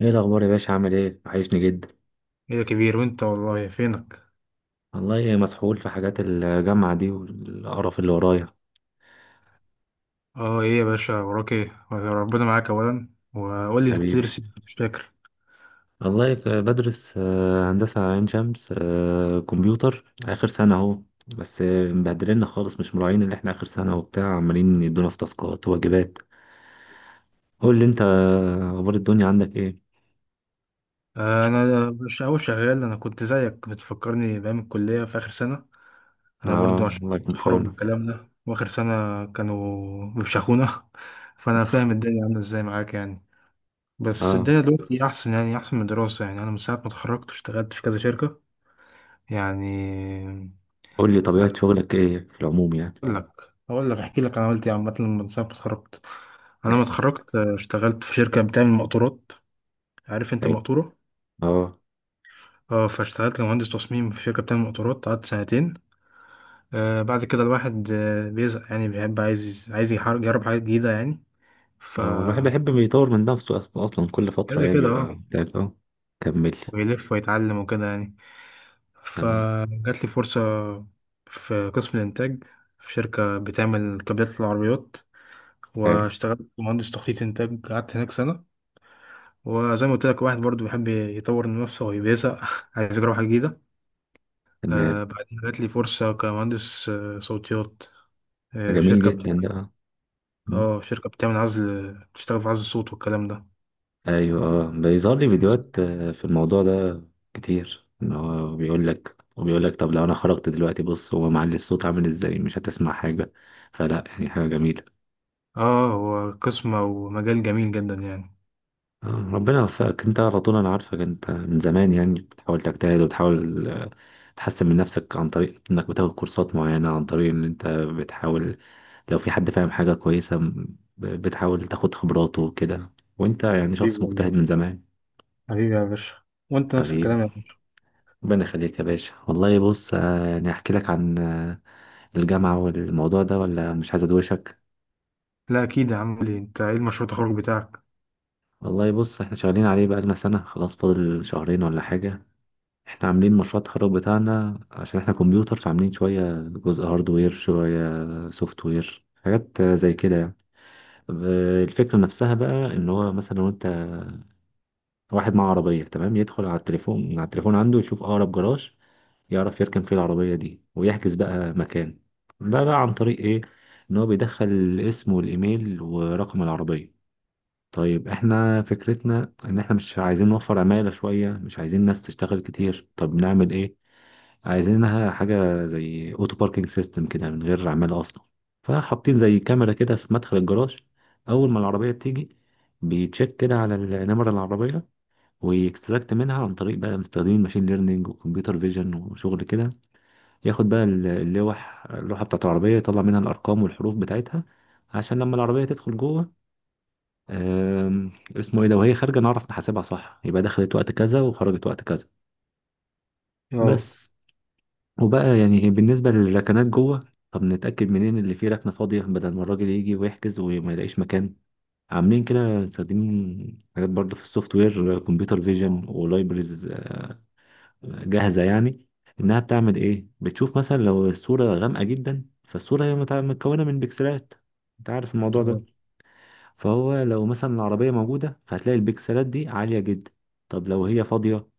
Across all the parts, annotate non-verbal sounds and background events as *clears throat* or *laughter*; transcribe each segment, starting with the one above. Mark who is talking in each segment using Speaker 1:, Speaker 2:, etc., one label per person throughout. Speaker 1: ايه الاخبار يا باشا؟ عامل ايه؟ وحشني جدا.
Speaker 2: ايه يا كبير، وانت والله فينك؟
Speaker 1: والله مسحول في حاجات الجامعه دي والقرف اللي ورايا.
Speaker 2: اه، ايه يا باشا وراك ايه؟ ربنا معاك اولا. وقول لي انت كنت بتدرس
Speaker 1: حبيبي.
Speaker 2: ايه؟ مش فاكر.
Speaker 1: والله بدرس هندسه عين شمس، كمبيوتر اخر سنه اهو. بس مبهدلنا خالص، مش مراعين اللي احنا اخر سنه وبتاع، عمالين يدونا في تاسكات وواجبات. قول لي انت، اخبار الدنيا عندك ايه؟
Speaker 2: انا مش اول شغال. انا كنت زيك، بتفكرني بايام الكليه في اخر سنه. انا برضو
Speaker 1: اه
Speaker 2: عشان
Speaker 1: الله يكون في
Speaker 2: اتخرج من
Speaker 1: عونك.
Speaker 2: الكلام ده. واخر سنه كانوا بيفشخونا *laughs* فانا فاهم الدنيا عامله ازاي معاك يعني. بس
Speaker 1: اه
Speaker 2: الدنيا دلوقتي احسن يعني، احسن من الدراسه. يعني انا من ساعه ما اتخرجت اشتغلت في كذا شركه، يعني.
Speaker 1: قول لي طبيعه شغلك ايه في العموم يعني.
Speaker 2: اقول لك احكي لك انا عملت ايه عامه من ساعه ما اتخرجت. انا ما
Speaker 1: احكي.
Speaker 2: اتخرجت، اشتغلت في شركه بتعمل مقطورات. عارف انت
Speaker 1: طيب.
Speaker 2: مقطوره؟
Speaker 1: اه
Speaker 2: اه فاشتغلت كمهندس تصميم في شركه بتعمل مقطورات، قعدت سنتين. بعد كده الواحد بيزهق، يعني بيحب، عايز يجرب حاجات جديده يعني. ف
Speaker 1: هو الواحد بيحب يطور من نفسه، أصلا كل فترة
Speaker 2: كده
Speaker 1: يعني
Speaker 2: كده،
Speaker 1: بيبقى
Speaker 2: اه.
Speaker 1: بتاعت أه. كمل.
Speaker 2: ويلف ويتعلم وكده يعني.
Speaker 1: تمام.
Speaker 2: فجات لي فرصه في قسم الانتاج، في شركه بتعمل كابلات العربيات.
Speaker 1: حلو.
Speaker 2: واشتغلت مهندس تخطيط انتاج، قعدت هناك سنه. وزي ما قلت لك، واحد برضو بيحب يطور من نفسه ويبيسع *laughs* عايز يجرب حاجة جديدة.
Speaker 1: تمام.
Speaker 2: بعدين جات لي فرصة كمهندس صوتيات.
Speaker 1: جميل
Speaker 2: شركة
Speaker 1: جدا ده، آه. م.
Speaker 2: اه، شركة بتعمل عزل، بتشتغل في عزل الصوت والكلام ده.
Speaker 1: أيوه أه، بيظهر لي فيديوهات في الموضوع ده كتير، إن هو بيقول لك وبيقول لك طب لو أنا خرجت دلوقتي بص هو معلي الصوت عامل إزاي، مش هتسمع حاجة. فلا يعني حاجة جميلة.
Speaker 2: اه، هو قسم ومجال جميل جدا يعني.
Speaker 1: آه، ربنا يوفقك. انت على طول انا عارفك انت من زمان يعني بتحاول تجتهد وتحاول، تحسن من نفسك عن طريق انك بتاخد كورسات معينة، عن طريق ان انت بتحاول لو في حد فاهم حاجة كويسة بتحاول تاخد خبراته وكده. وانت يعني
Speaker 2: حبيبي
Speaker 1: شخص مجتهد
Speaker 2: والله.
Speaker 1: من زمان.
Speaker 2: حبيبي يا باشا. وانت نفس
Speaker 1: حبيبي.
Speaker 2: الكلام يا باشا.
Speaker 1: ربنا يخليك يا باشا. والله بص، يعني احكي لك عن الجامعة والموضوع ده ولا مش عايز ادوشك؟
Speaker 2: لا اكيد يا عم، ليه؟ انت ايه المشروع التخرج بتاعك؟
Speaker 1: والله بص، احنا شغالين عليه بقالنا سنة، خلاص فاضل شهرين ولا حاجة. احنا عاملين مشروع التخرج بتاعنا عشان احنا كمبيوتر، فعاملين شوية جزء هاردوير شوية سوفت وير، حاجات زي كده يعني. الفكرة نفسها بقى ان هو مثلا لو انت واحد معاه عربية، تمام، يدخل على التليفون، من على التليفون عنده يشوف اقرب جراج يعرف يركن فيه العربية دي ويحجز بقى مكان. ده بقى عن طريق ايه؟ ان هو بيدخل الاسم والايميل ورقم العربية. طيب احنا فكرتنا ان احنا مش عايزين نوفر عمالة شوية، مش عايزين ناس تشتغل كتير، طب نعمل ايه؟ عايزينها حاجة زي اوتو باركينج سيستم كده من غير عمالة اصلا. فحاطين زي كاميرا كده في مدخل الجراج، اول ما العربية بتيجي بيتشيك كده على النمرة العربية ويكستراكت منها، عن طريق بقى مستخدمين ماشين ليرنينج وكمبيوتر فيجن وشغل كده. ياخد بقى اللوحة بتاعت العربية، يطلع منها الأرقام والحروف بتاعتها عشان لما العربية تدخل جوه، اسمه ايه ده، وهي خارجة نعرف نحاسبها صح، يبقى دخلت وقت كذا وخرجت وقت كذا.
Speaker 2: اه.
Speaker 1: بس. وبقى يعني بالنسبة للركنات جوه، طب نتأكد منين اللي فيه ركنة فاضية بدل ما الراجل يجي ويحجز وما يلاقيش مكان. عاملين كده مستخدمين حاجات برضه في السوفت وير، كمبيوتر فيجن ولايبرز جاهزة يعني. إنها بتعمل إيه؟ بتشوف مثلا لو الصورة غامقة جدا، فالصورة هي متكونة من بكسلات. أنت عارف الموضوع
Speaker 2: اه.
Speaker 1: ده. فهو لو مثلا العربية موجودة فهتلاقي البكسلات دي عالية جدا. طب لو هي فاضية،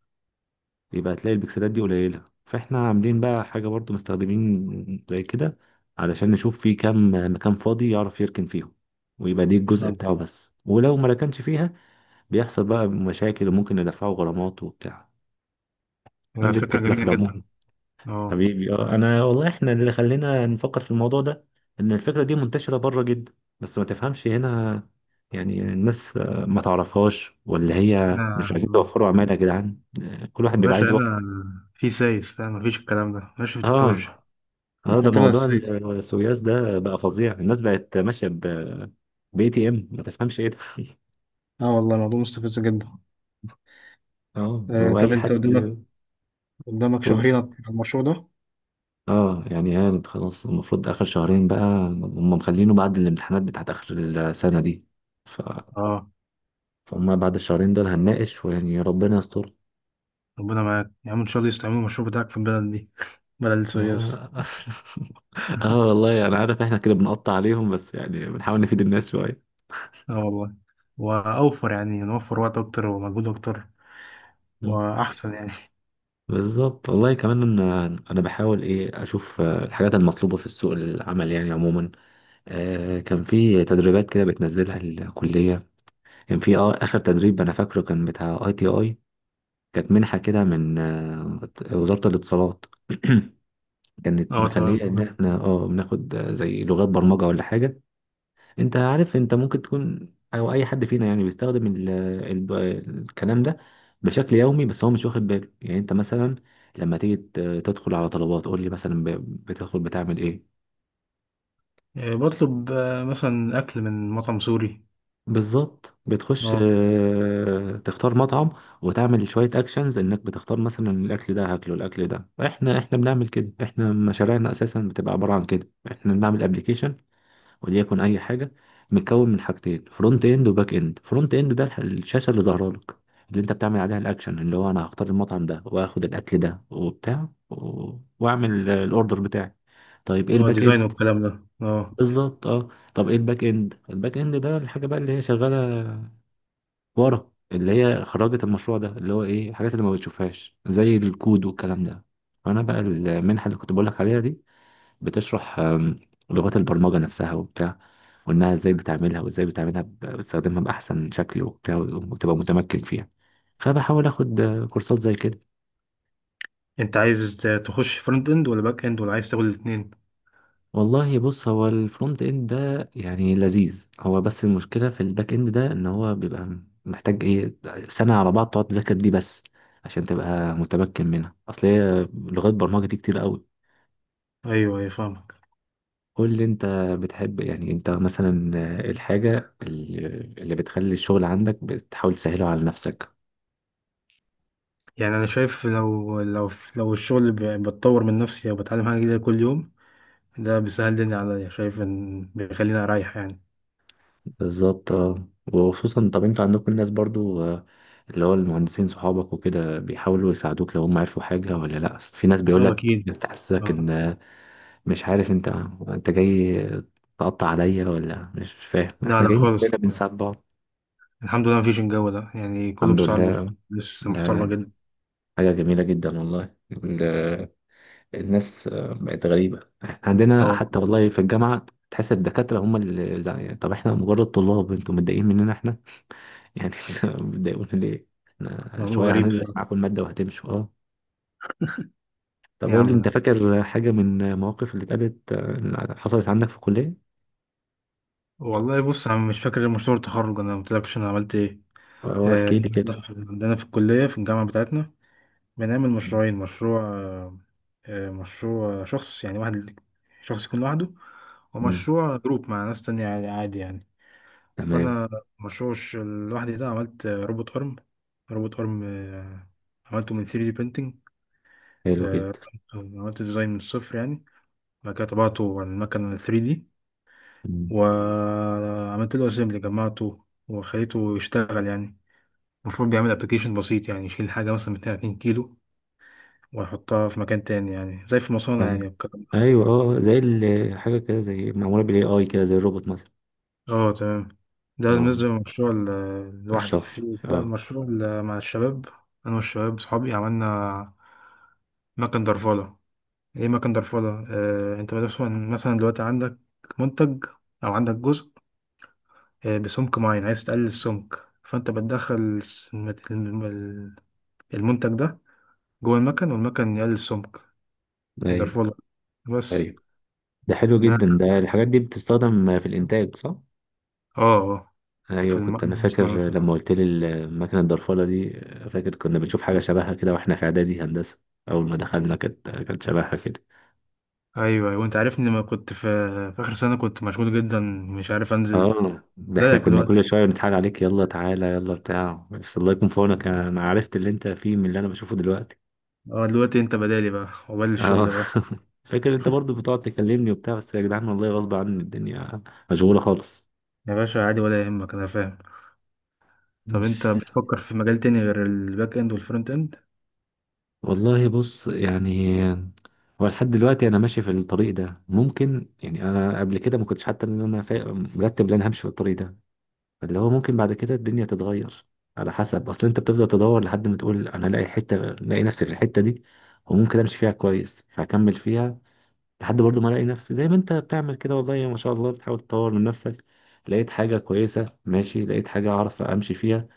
Speaker 1: يبقى هتلاقي البكسلات دي قليلة. فاحنا عاملين بقى حاجة برضو مستخدمين زي كده علشان نشوف في كام مكان فاضي يعرف يركن فيهم. ويبقى دي الجزء بتاعه بس، ولو ما ركنش فيها بيحصل بقى مشاكل وممكن ندفعه غرامات وبتاع.
Speaker 2: آه،
Speaker 1: عندي
Speaker 2: فكرة
Speaker 1: الفكرة في
Speaker 2: جميلة
Speaker 1: العموم.
Speaker 2: جدا. اه.
Speaker 1: حبيبي اه. انا والله احنا اللي خلينا نفكر في الموضوع ده ان الفكرة دي منتشرة بره جدا، بس ما تفهمش هنا. يعني الناس ما تعرفهاش، ولا
Speaker 2: لا،
Speaker 1: هي مش عايزين
Speaker 2: آه.
Speaker 1: توفروا عمالة يا جدعان، كل واحد
Speaker 2: يا
Speaker 1: بيبقى عايز
Speaker 2: باشا
Speaker 1: يوفر.
Speaker 2: هنا في سايس فاهم، مفيش الكلام ده ماشي في
Speaker 1: اه.
Speaker 2: التكنولوجيا.
Speaker 1: اه ده
Speaker 2: هتبقى
Speaker 1: موضوع
Speaker 2: السايس.
Speaker 1: السوياس ده بقى فظيع. الناس بقت ماشيه ب باي تي ام، ما تفهمش ايه ده *laughs*
Speaker 2: اه والله، الموضوع مستفز جدا.
Speaker 1: اه هو
Speaker 2: طب
Speaker 1: اي
Speaker 2: انت
Speaker 1: حد
Speaker 2: قدامك شهرين
Speaker 1: يقول.
Speaker 2: على المشروع ده.
Speaker 1: اه يعني هانت خلاص، المفروض اخر شهرين بقى هم مخلينه بعد الامتحانات بتاعت اخر السنه دي. ف...
Speaker 2: اه،
Speaker 1: فهم بعد الشهرين دول هنناقش، ويعني ربنا يستر.
Speaker 2: ربنا معاك يا عم. ان شاء الله يستعملوا المشروع بتاعك في البلد دي *laughs* بلد السويس.
Speaker 1: اه *laughs* اه والله انا عارف احنا كده بنقطع عليهم بس يعني بنحاول نفيد الناس شويه.
Speaker 2: اه والله. واوفر يعني، نوفر وقت اكتر ومجهود اكتر. واحسن يعني.
Speaker 1: بالظبط والله. كمان ان انا بحاول ايه، اشوف الحاجات المطلوبه في السوق العمل يعني عموما. آه كان في تدريبات كده بتنزلها الكليه، كان في آه اخر تدريب انا فاكره كان بتاع اي تي اي. كانت منحه كده من آه وزاره الاتصالات. *clears throat*
Speaker 2: *laughs*
Speaker 1: كانت
Speaker 2: اه
Speaker 1: مخليه
Speaker 2: تمام،
Speaker 1: ان
Speaker 2: عارف.
Speaker 1: احنا اه بناخد، زي لغات برمجه ولا حاجه. انت عارف انت ممكن تكون او اي حد فينا يعني بيستخدم ال الكلام ده بشكل يومي، بس هو مش واخد باله. يعني انت مثلا لما تيجي تدخل على طلبات، قول لي مثلا بتدخل بتعمل ايه؟
Speaker 2: بطلب مثلا اكل من مطعم سوري.
Speaker 1: بالظبط، بتخش
Speaker 2: اه.
Speaker 1: اه، تختار مطعم وتعمل شوية اكشنز، انك بتختار مثلا الاكل ده، هاكله الاكل ده. احنا بنعمل كده، احنا مشاريعنا اساسا بتبقى عبارة عن كده. احنا بنعمل ابلكيشن وليكن اي حاجه، متكون من حاجتين، فرونت اند وباك اند. فرونت اند ده الشاشه اللي ظاهره لك، اللي انت بتعمل عليها الاكشن، اللي هو انا هختار المطعم ده واخد الاكل ده وبتاع واعمل الاوردر بتاعي. طيب ايه
Speaker 2: اه،
Speaker 1: الباك اند؟
Speaker 2: ديزاين والكلام ده، اه.
Speaker 1: بالظبط اه. طب ايه الباك اند؟ الباك اند ده الحاجه بقى اللي هي شغاله ورا، اللي هي خرجت المشروع ده، اللي هو ايه الحاجات اللي ما بتشوفهاش زي الكود والكلام ده. فانا بقى المنحه اللي كنت بقول لك عليها دي بتشرح لغات البرمجة نفسها وبتاع، وإنها إزاي بتعملها، وإزاي بتستخدمها بأحسن شكل وبتاع وتبقى متمكن فيها. فبحاول آخد كورسات زي كده.
Speaker 2: انت عايز تخش فرونت اند ولا باك اند، ولا عايز تاخد الاثنين؟
Speaker 1: والله بص، هو الفرونت إند ده يعني لذيذ هو، بس المشكلة في الباك إند ده إن هو بيبقى محتاج إيه، سنة على بعض تقعد تذاكر دي بس عشان تبقى متمكن منها، أصل هي لغات برمجة دي كتير قوي.
Speaker 2: ايوه، ايوه فاهم.
Speaker 1: قول لي انت، بتحب يعني انت مثلا الحاجة اللي بتخلي الشغل عندك بتحاول تسهله على نفسك؟
Speaker 2: يعني انا شايف، لو الشغل بتطور من نفسي او بتعلم حاجه جديده كل يوم، ده بيسهل الدنيا عليا. شايف ان بيخليني اريح يعني.
Speaker 1: بالظبط اه. وخصوصا طب انتوا عندكم الناس برضو، اللي هو المهندسين صحابك وكده بيحاولوا يساعدوك، لو هم عرفوا حاجة ولا لا؟ في ناس
Speaker 2: اه
Speaker 1: بيقولك
Speaker 2: اكيد.
Speaker 1: بتحسسك
Speaker 2: اه.
Speaker 1: ان مش عارف، انت انت جاي تقطع عليا ولا مش فاهم
Speaker 2: لا
Speaker 1: احنا
Speaker 2: لا
Speaker 1: جايين
Speaker 2: خالص.
Speaker 1: بينا بنساعد بعض.
Speaker 2: الحمد لله مفيش الجو ده، يعني كله
Speaker 1: الحمد
Speaker 2: بصعب.
Speaker 1: لله.
Speaker 2: لسه
Speaker 1: لا
Speaker 2: محترمه
Speaker 1: لا،
Speaker 2: جدا.
Speaker 1: حاجة جميلة جدا والله. الناس بقت غريبة، احنا عندنا
Speaker 2: اه،
Speaker 1: حتى والله في الجامعة تحس الدكاترة هم اللي زعلانين. طب احنا مجرد طلاب، انتوا متضايقين مننا احنا يعني *laughs* انتوا متضايقون ليه؟ احنا
Speaker 2: موضوع
Speaker 1: شوية
Speaker 2: غريب
Speaker 1: هندرس
Speaker 2: بصراحه.
Speaker 1: معاكم المادة وهتمشوا اه. طب
Speaker 2: ايه يا
Speaker 1: اقول لي
Speaker 2: عم
Speaker 1: انت،
Speaker 2: ده؟
Speaker 1: فاكر حاجة من المواقف اللي اتقالت، اللي حصلت عندك في الكلية؟
Speaker 2: والله بص، انا مش فاكر غير مشروع التخرج. انا ما قلتلكش انا عملت ايه.
Speaker 1: اه احكي لي كده.
Speaker 2: عندنا في الكليه، في الجامعه بتاعتنا، بنعمل مشروعين. مشروع مشروع شخص يعني، واحد شخص يكون لوحده.
Speaker 1: مم.
Speaker 2: ومشروع جروب مع ناس تانية، عادي عادي يعني.
Speaker 1: تمام.
Speaker 2: فأنا مشروع لوحدي ده، عملت روبوت أرم. روبوت أرم، عملته من 3D printing.
Speaker 1: حلو
Speaker 2: آه،
Speaker 1: جدا.
Speaker 2: عملت ديزاين من الصفر يعني. بعد كده طبعته على المكنة 3D.
Speaker 1: مم.
Speaker 2: وعملت له أسمبلي، جمعته وخليته يشتغل يعني. المفروض بيعمل أبلكيشن بسيط، يعني يشيل حاجة مثلا من 2 كيلو، وأحطها في مكان تاني، يعني زي في مصانع يعني
Speaker 1: أيوة.
Speaker 2: والكلام ده.
Speaker 1: أيوة أه، زي حاجة كده زي معمولة بال AI كده، زي الروبوت مثلا.
Speaker 2: اه تمام. ده
Speaker 1: أه
Speaker 2: بالنسبة للمشروع لوحدي.
Speaker 1: الشخص.
Speaker 2: في بقى
Speaker 1: أه.
Speaker 2: المشروع مع الشباب. أنا والشباب صحابي عملنا مكن درفالة. إيه مكن درفالة؟ آه، أنت مثلا، دلوقتي عندك منتج، أو عندك جزء بسمك معين، عايز تقلل السمك، فأنت بتدخل المنتج ده جوه المكن، والمكن يقلل السمك،
Speaker 1: أيوه.
Speaker 2: يدرفله بس.
Speaker 1: أيوه ده حلو
Speaker 2: ده
Speaker 1: جدا، ده الحاجات دي بتستخدم في الانتاج صح.
Speaker 2: اه. اه، في
Speaker 1: ايوه كنت انا فاكر
Speaker 2: المصنع.
Speaker 1: لما قلت لي المكنه الضرفله دي، فاكر كنا بنشوف حاجه شبهها كده واحنا في اعدادي هندسه. اول ما دخلنا كانت شبهها كده.
Speaker 2: ايوه ايوه، انت عارفني لما كنت في، اخر سنه كنت مشغول جدا، مش عارف انزل
Speaker 1: اه ده احنا
Speaker 2: زيك
Speaker 1: كنا كل
Speaker 2: دلوقتي.
Speaker 1: شويه بنتحايل عليك يلا تعالى يلا بتاع، بس الله يكون في عونك، انا عرفت اللي انت فيه من اللي انا بشوفه دلوقتي.
Speaker 2: اه، دلوقتي انت بدالي بقى، وبدل
Speaker 1: اه
Speaker 2: الشغل بقى.
Speaker 1: *laughs* فاكر انت برضو بتقعد تكلمني وبتاع، بس يا جدعان والله غصب عني، الدنيا مشغوله خالص.
Speaker 2: يا باشا عادي، ولا يهمك، انا فاهم. طب انت
Speaker 1: ماشي.
Speaker 2: بتفكر في مجال تاني غير الباك اند والفرونت اند؟
Speaker 1: والله بص يعني هو لحد دلوقتي انا ماشي في الطريق ده، ممكن يعني انا قبل كده ما كنتش حتى ان انا مرتب ان انا همشي في الطريق ده، فاللي هو ممكن بعد كده الدنيا تتغير على حسب. اصل انت بتفضل تدور لحد ما تقول انا الاقي حته، الاقي نفسي في الحته دي وممكن امشي فيها كويس فهكمل فيها، لحد برضو ما الاقي نفسي. زي ما انت بتعمل كده والله ما شاء الله بتحاول تطور من نفسك، لقيت حاجه كويسه ماشي، لقيت حاجه اعرف امشي فيها.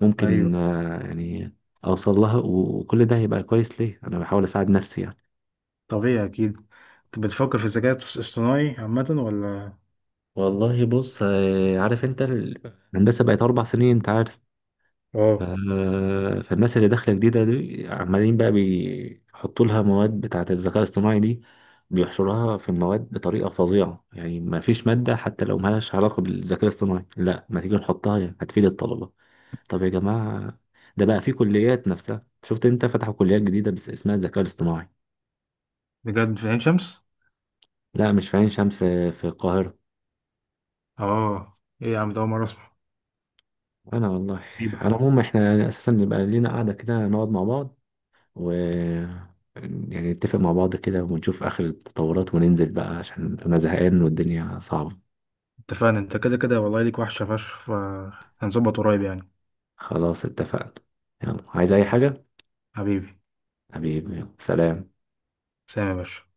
Speaker 1: ممكن
Speaker 2: ايوه.
Speaker 1: يعني اوصل لها، وكل ده هيبقى كويس، ليه انا بحاول اساعد نفسي يعني.
Speaker 2: طبيعي اكيد. انت بتفكر في الذكاء الاصطناعي عامه، ولا؟
Speaker 1: والله بص عارف انت الهندسه بقت 4 سنين انت عارف، ف-
Speaker 2: اه.
Speaker 1: فالناس اللي داخله جديده دي عمالين بقى بيحطوا لها مواد بتاعه الذكاء الاصطناعي دي، بيحشرها في المواد بطريقه فظيعه يعني. ما فيش ماده حتى لو مالهاش علاقه بالذكاء الاصطناعي لا ما تيجي نحطها يعني هتفيد الطلبه. طب يا جماعه، ده بقى في كليات نفسها، شفت انت فتحوا كليات جديده بس اسمها الذكاء الاصطناعي.
Speaker 2: بجد في عين شمس؟
Speaker 1: لا مش في عين شمس، في القاهرة.
Speaker 2: اه ايه يا عم ده، اول مره اسمع.
Speaker 1: أنا والله.
Speaker 2: غريبه.
Speaker 1: على العموم إحنا يعني أساسا نبقى لينا قعدة كده نقعد مع بعض و يعني نتفق مع بعض كده ونشوف آخر التطورات، وننزل بقى عشان أنا زهقان والدنيا صعبة.
Speaker 2: اتفقنا. انت كده كده والله، ليك وحشه فشخ، فهنظبط قريب يعني.
Speaker 1: خلاص اتفقنا. يلا عايز أي حاجة؟
Speaker 2: حبيبي.
Speaker 1: حبيبي. يلا. سلام.
Speaker 2: سلام يا باشا.